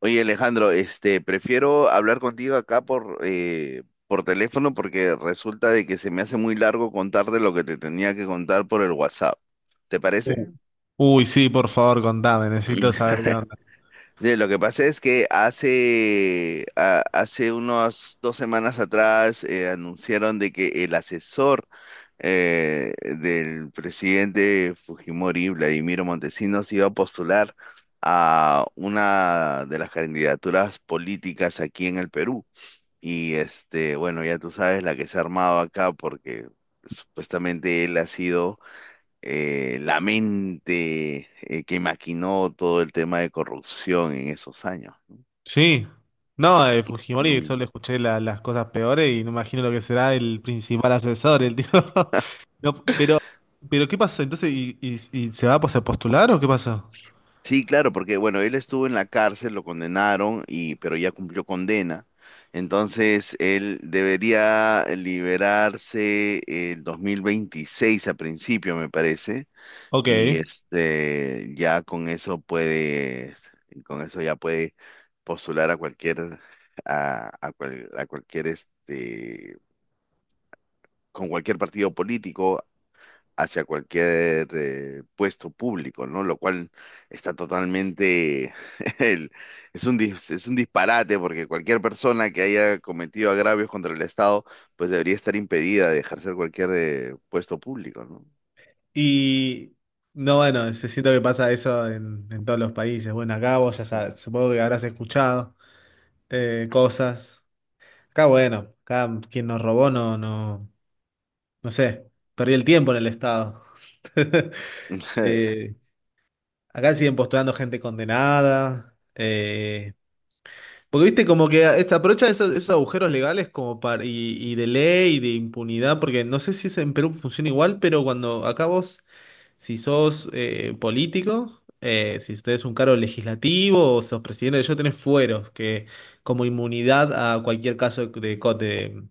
Oye, Alejandro, prefiero hablar contigo acá por teléfono porque resulta de que se me hace muy largo contarte lo que te tenía que contar por el WhatsApp. ¿Te Uh. parece? Uy, sí, por favor, contame, necesito saber qué onda. Sí, lo que pasa es que hace unas 2 semanas atrás anunciaron de que el asesor del presidente Fujimori, Vladimiro Montesinos, iba a postular a una de las candidaturas políticas aquí en el Perú. Y bueno, ya tú sabes la que se ha armado acá porque supuestamente él ha sido la mente que maquinó todo el tema de corrupción en esos años. Sí, no, Fujimori Mm. solo escuché las cosas peores y no imagino lo que será el principal asesor, el tío. No, pero ¿qué pasó? Entonces, y se va pues, a postular o qué pasó? Sí, claro, porque bueno, él estuvo en la cárcel, lo condenaron y pero ya cumplió condena. Entonces, él debería liberarse el 2026 a principio, me parece. y Ok. este ya con eso puedes con eso ya puede postular a cualquier a cual- a cualquier este con cualquier partido político hacia cualquier puesto público, ¿no? Lo cual está totalmente el- es un disparate porque cualquier persona que haya cometido agravios contra el Estado pues debería estar impedida de ejercer cualquier puesto público, ¿no? Y no, bueno, se siento que pasa eso en todos los países. Bueno, acá vos ya sabes, supongo que habrás escuchado cosas. Acá, bueno, acá quien nos robó no, no. No sé, perdí el tiempo en el Estado. Eh, Acá siguen postulando gente condenada. Porque viste, como que aprovechan esos, esos agujeros legales como para, y de ley y de impunidad, porque no sé si es en Perú funciona igual, pero cuando acá vos, si sos político, si tenés un cargo legislativo o sos presidente, yo tenés fueros, que como inmunidad a cualquier caso de, cote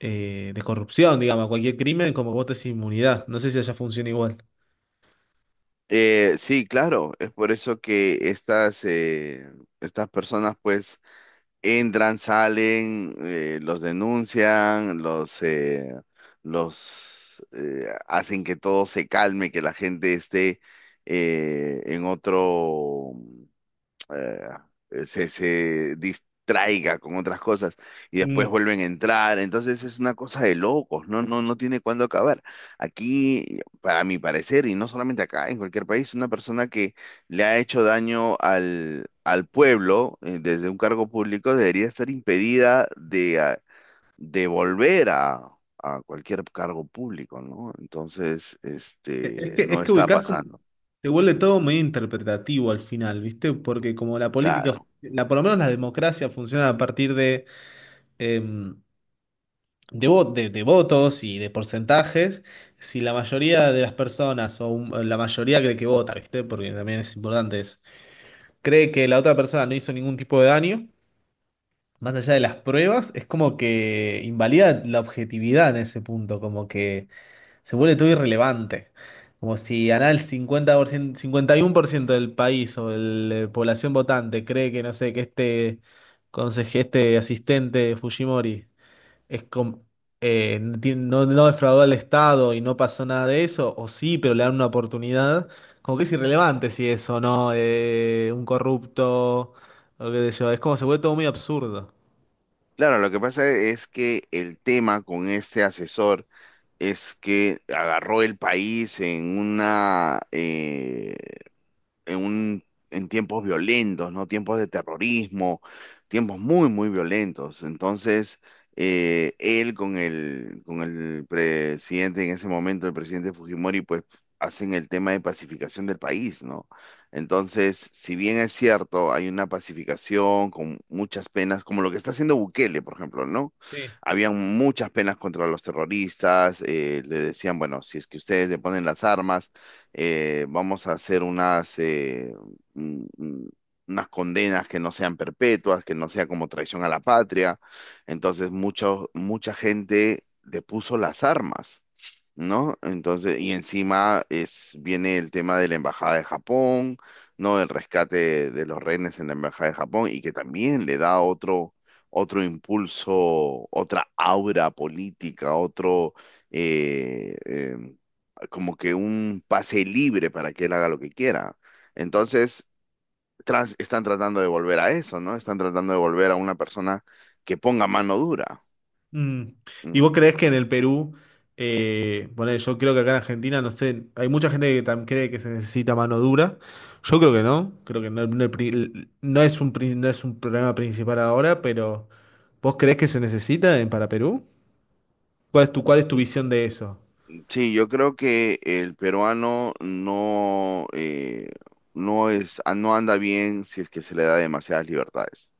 de corrupción, digamos, a cualquier crimen, como que vos tenés inmunidad. No sé si allá funciona igual. Sí, claro, es por eso que estas personas pues entran, salen, los denuncian, los hacen que todo se calme, que la gente esté en otro, se, se distraiga con otras cosas y después Mm. vuelven a entrar. Entonces es una cosa de locos, no, no, no tiene cuándo acabar. Aquí, para mi parecer, y no solamente acá, en cualquier país, una persona que le ha hecho daño al pueblo desde un cargo público debería estar impedida de volver a cualquier cargo público, ¿no? Entonces, Es no que está ubicás como, pasando. te vuelve todo medio interpretativo al final, ¿viste? Porque como la política, Claro. la, por lo menos la democracia funciona a partir de, em, de, de votos y de porcentajes, si la mayoría de las personas o la mayoría cree que vota, ¿viste? Porque también es importante eso, cree que la otra persona no hizo ningún tipo de daño, más allá de las pruebas, es como que invalida la objetividad en ese punto, como que se vuelve todo irrelevante. Como si ganar el 50%, 51% del país o de la población votante cree que, no sé, que este conseje, este asistente de Fujimori es com- no, no defraudó al Estado y no pasó nada de eso, o sí, pero le dan una oportunidad, como que es irrelevante si es o no un corrupto, o qué sé yo, es como se vuelve todo muy absurdo. Claro, lo que pasa es que el tema con este asesor es que agarró el país en una, en un, en tiempos violentos, ¿no? Tiempos de terrorismo, tiempos muy, muy violentos. Entonces, él con el presidente en ese momento, el presidente Fujimori, pues hacen el tema de pacificación del país, ¿no? Entonces, si bien es cierto, hay una pacificación con muchas penas, como lo que está haciendo Bukele, por ejemplo, ¿no? Habían muchas penas contra los terroristas, le decían, bueno, si es que ustedes le ponen las armas, vamos a hacer mm, mm, unas condenas que no sean perpetuas, que no sea como traición a la patria. Entonces, mucha gente depuso las armas, ¿no? Entonces, y encima viene el tema de la Embajada de Japón, ¿no? El rescate de los rehenes en la Embajada de Japón y que también le da otro impulso, otra aura política, eh, eh, como que un pase libre para que él haga lo que quiera. Entonces, están tratando de volver a eso, ¿no? Están tratando de volver a una persona que ponga mano dura. Mm. ¿Y vos Mm. creés que en el Perú, bueno, yo creo que acá en Argentina, no sé, hay mucha gente que cree que se necesita mano dura. Yo creo que no, no el no es un, no es un problema principal ahora, pero ¿vos creés que se necesita para Perú? Cuál es tu mm, visión de eso? Sí, yo creo que el peruano no anda bien si es que se le da demasiadas libertades.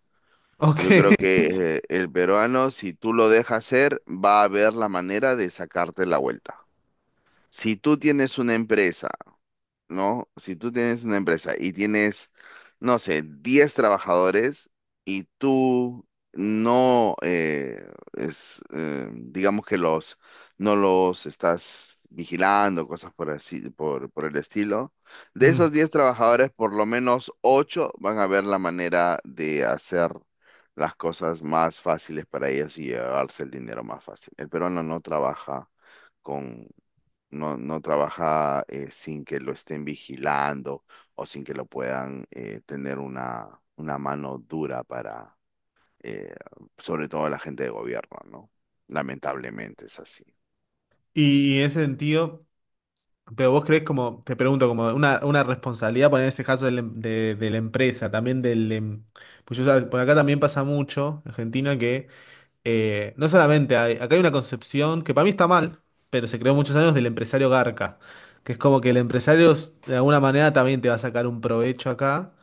Yo creo Ok. que el peruano, si tú lo dejas ser, va a ver la manera de sacarte la vuelta. Si tú tienes una empresa, ¿no? Si tú tienes una empresa y tienes, no sé, 10 trabajadores y tú no, es, digamos que no los estás vigilando, cosas por el estilo, de Mm. esos 10 trabajadores, por lo menos 8 van a ver la manera de hacer las cosas más fáciles para ellos y llevarse el dinero más fácil. El peruano no trabaja. con, no trabaja sin que lo estén vigilando o sin que lo puedan tener una mano dura para, eh, sobre todo la gente de gobierno, ¿no? Lamentablemente es así. Y en ese sentido, pero vos creés como, te pregunto, como una responsabilidad, poner en ese caso del de la empresa, también del... pues yo, sabes, por acá también pasa mucho, Argentina, que no solamente, acá hay una concepción que para mí está mal, pero se creó muchos años del empresario garca, que es como que el empresario de alguna manera también te va a sacar un provecho acá.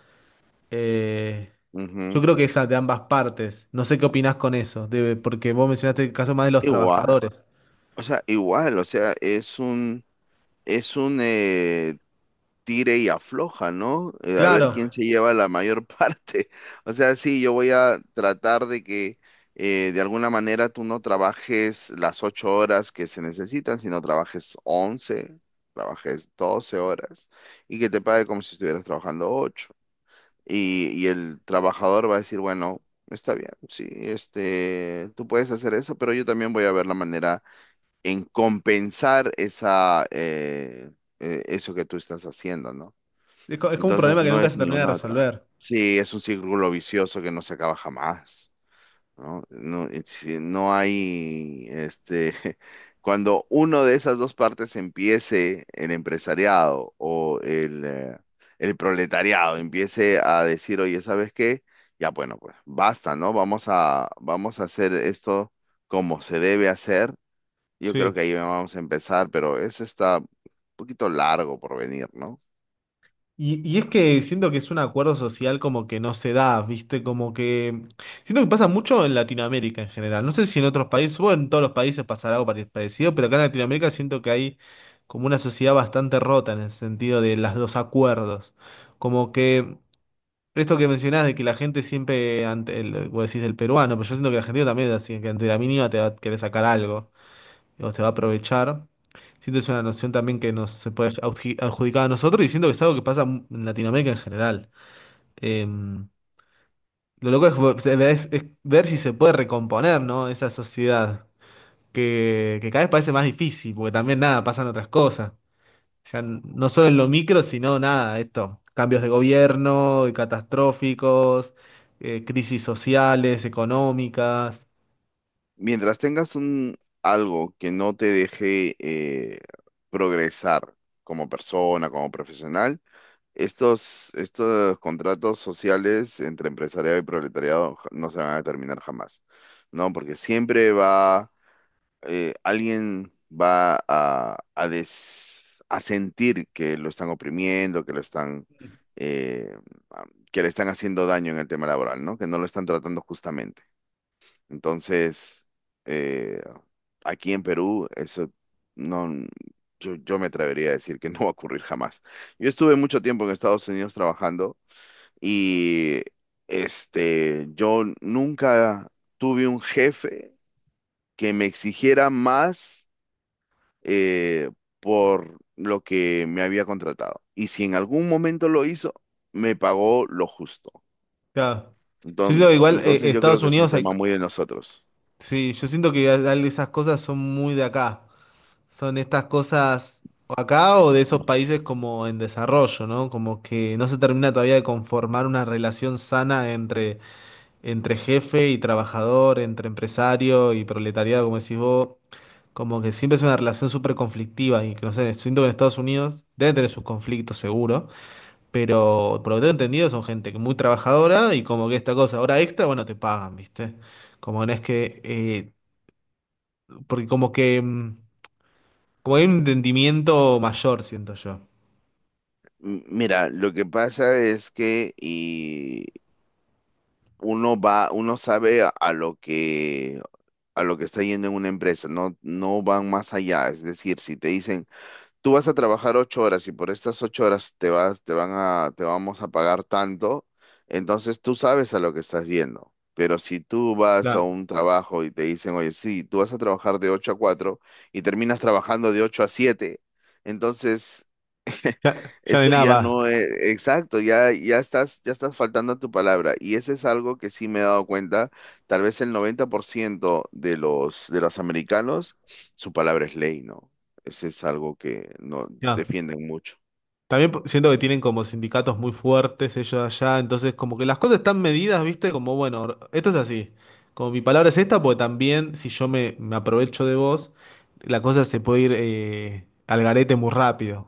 Eh, yo Ujú. creo que esa de ambas partes. No sé qué opinás con eso, porque vos mencionaste el caso más de los Igual, trabajadores. igual, o sea, es un tire y afloja, ¿no? A ver Claro, quién se lleva la mayor parte. O sea, sí, yo voy a tratar de que de alguna manera tú no trabajes las 8 horas que se necesitan, sino trabajes 11, trabajes 12 horas y que te pague como si estuvieras trabajando ocho. Y el trabajador va a decir, bueno, está bien, sí, tú puedes hacer eso, pero yo también voy a ver la manera en compensar eso que tú estás haciendo, ¿no? es, es como un Entonces problema que no nunca es se ni termina de una otra. resolver. Sí, es un círculo vicioso que no se acaba jamás, ¿no? No, y si no hay, cuando uno de esas dos partes empiece, el empresariado o el proletariado empiece a decir, oye, ¿sabes qué? Ya, bueno, pues basta, ¿no? Vamos a hacer esto como se debe hacer. Yo Sí. creo que ahí vamos a empezar, pero eso está un poquito largo por venir, ¿no? Y es que siento que es un acuerdo social como que no se da, ¿viste? Como que... Siento que pasa mucho en Latinoamérica en general. No sé si en otros países, bueno, en todos los países pasará algo parecido, pero acá en Latinoamérica siento que hay como una sociedad bastante rota en el sentido de las, los acuerdos. Como que esto que mencionás de que la gente siempre, ante el, vos decís del peruano, pero yo siento que el argentino también es así, que ante la mínima te va a querer sacar algo o se va a aprovechar. Siento que es una noción también que nos se puede adjudicar a nosotros y siento que es algo que pasa en Latinoamérica en general. Eh, lo loco es, es ver si se puede recomponer, ¿no? Esa sociedad que cada vez parece más difícil, porque también nada, pasan otras cosas. Ya no solo en lo micro, sino nada, esto, cambios de gobierno, y catastróficos, crisis sociales, económicas. Mientras tengas un algo que no te deje progresar como persona, como profesional, estos contratos sociales entre empresariado y proletariado no se van a terminar jamás, ¿no? Porque siempre alguien va a sentir que lo están oprimiendo, eh, a- que le están haciendo daño en el tema laboral, ¿no? Que no lo están tratando justamente. Entonces eh, aquí en Perú, eso no, yo me atrevería a decir que no va a ocurrir jamás. Yo estuve mucho tiempo en Estados Unidos trabajando y yo nunca tuve un jefe que me exigiera más eh, por lo que me había contratado. Y si en algún momento lo hizo, me pagó lo justo. Claro. Yo Entonces, siento que igual entonces yo creo Estados que es un Unidos hay, tema muy de nosotros. sí, yo siento que esas cosas son muy de acá. Son estas cosas o acá o de esos países como en desarrollo, ¿no? Como que no se termina todavía de conformar una relación sana entre, entre jefe y trabajador, entre empresario y proletariado, como decís vos. Como que siempre es una relación súper conflictiva y que no sé, siento que en Estados Unidos debe tener sus conflictos seguro, pero por lo que tengo entendido son gente que muy trabajadora y como que esta cosa, hora extra, bueno, te pagan, ¿viste? Como no es que porque como que, mm, como hay un entendimiento mayor, siento yo. Mira, lo que pasa es que, uno sabe a lo que está yendo en una empresa, no van más allá. Es decir, si te dicen, tú vas a trabajar 8 horas y por estas 8 horas te vas, te van a, te vamos a pagar tanto, entonces tú sabes a lo que estás yendo. Pero si tú vas a Claro. un trabajo y te dicen, oye, sí, tú vas a trabajar de ocho a cuatro y terminas trabajando de ocho a siete, entonces Ya, ya no hay eso nada ya más. no es, exacto, ya estás faltando a tu palabra. Y ese es algo que sí me he dado cuenta, tal vez el 90% de los americanos, su palabra es ley, ¿no? Ese es algo que no No. defienden mucho. También siento que tienen como sindicatos muy fuertes ellos allá, entonces como que las cosas están medidas, ¿viste? Como, bueno, esto es así. Como mi palabra es esta, porque también si yo me, me aprovecho de vos, la cosa se puede ir al garete muy rápido.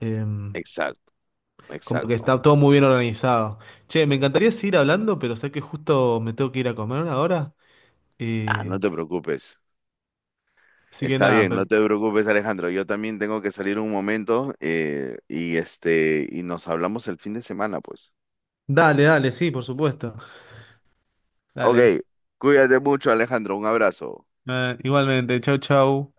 Em, Exacto, como que exacto. está todo muy bien organizado. Che, me encantaría seguir hablando, pero sé que justo me tengo que ir a comer ahora. Ah, no Eh, te preocupes. así que Está nada, bien, no te preocupes, Alejandro. Yo también tengo que salir un momento, y nos hablamos el fin de semana, pues. dale, dale, sí, por supuesto. Ok, Dale. cuídate mucho, Alejandro. Un abrazo. Igualmente, chau, chau.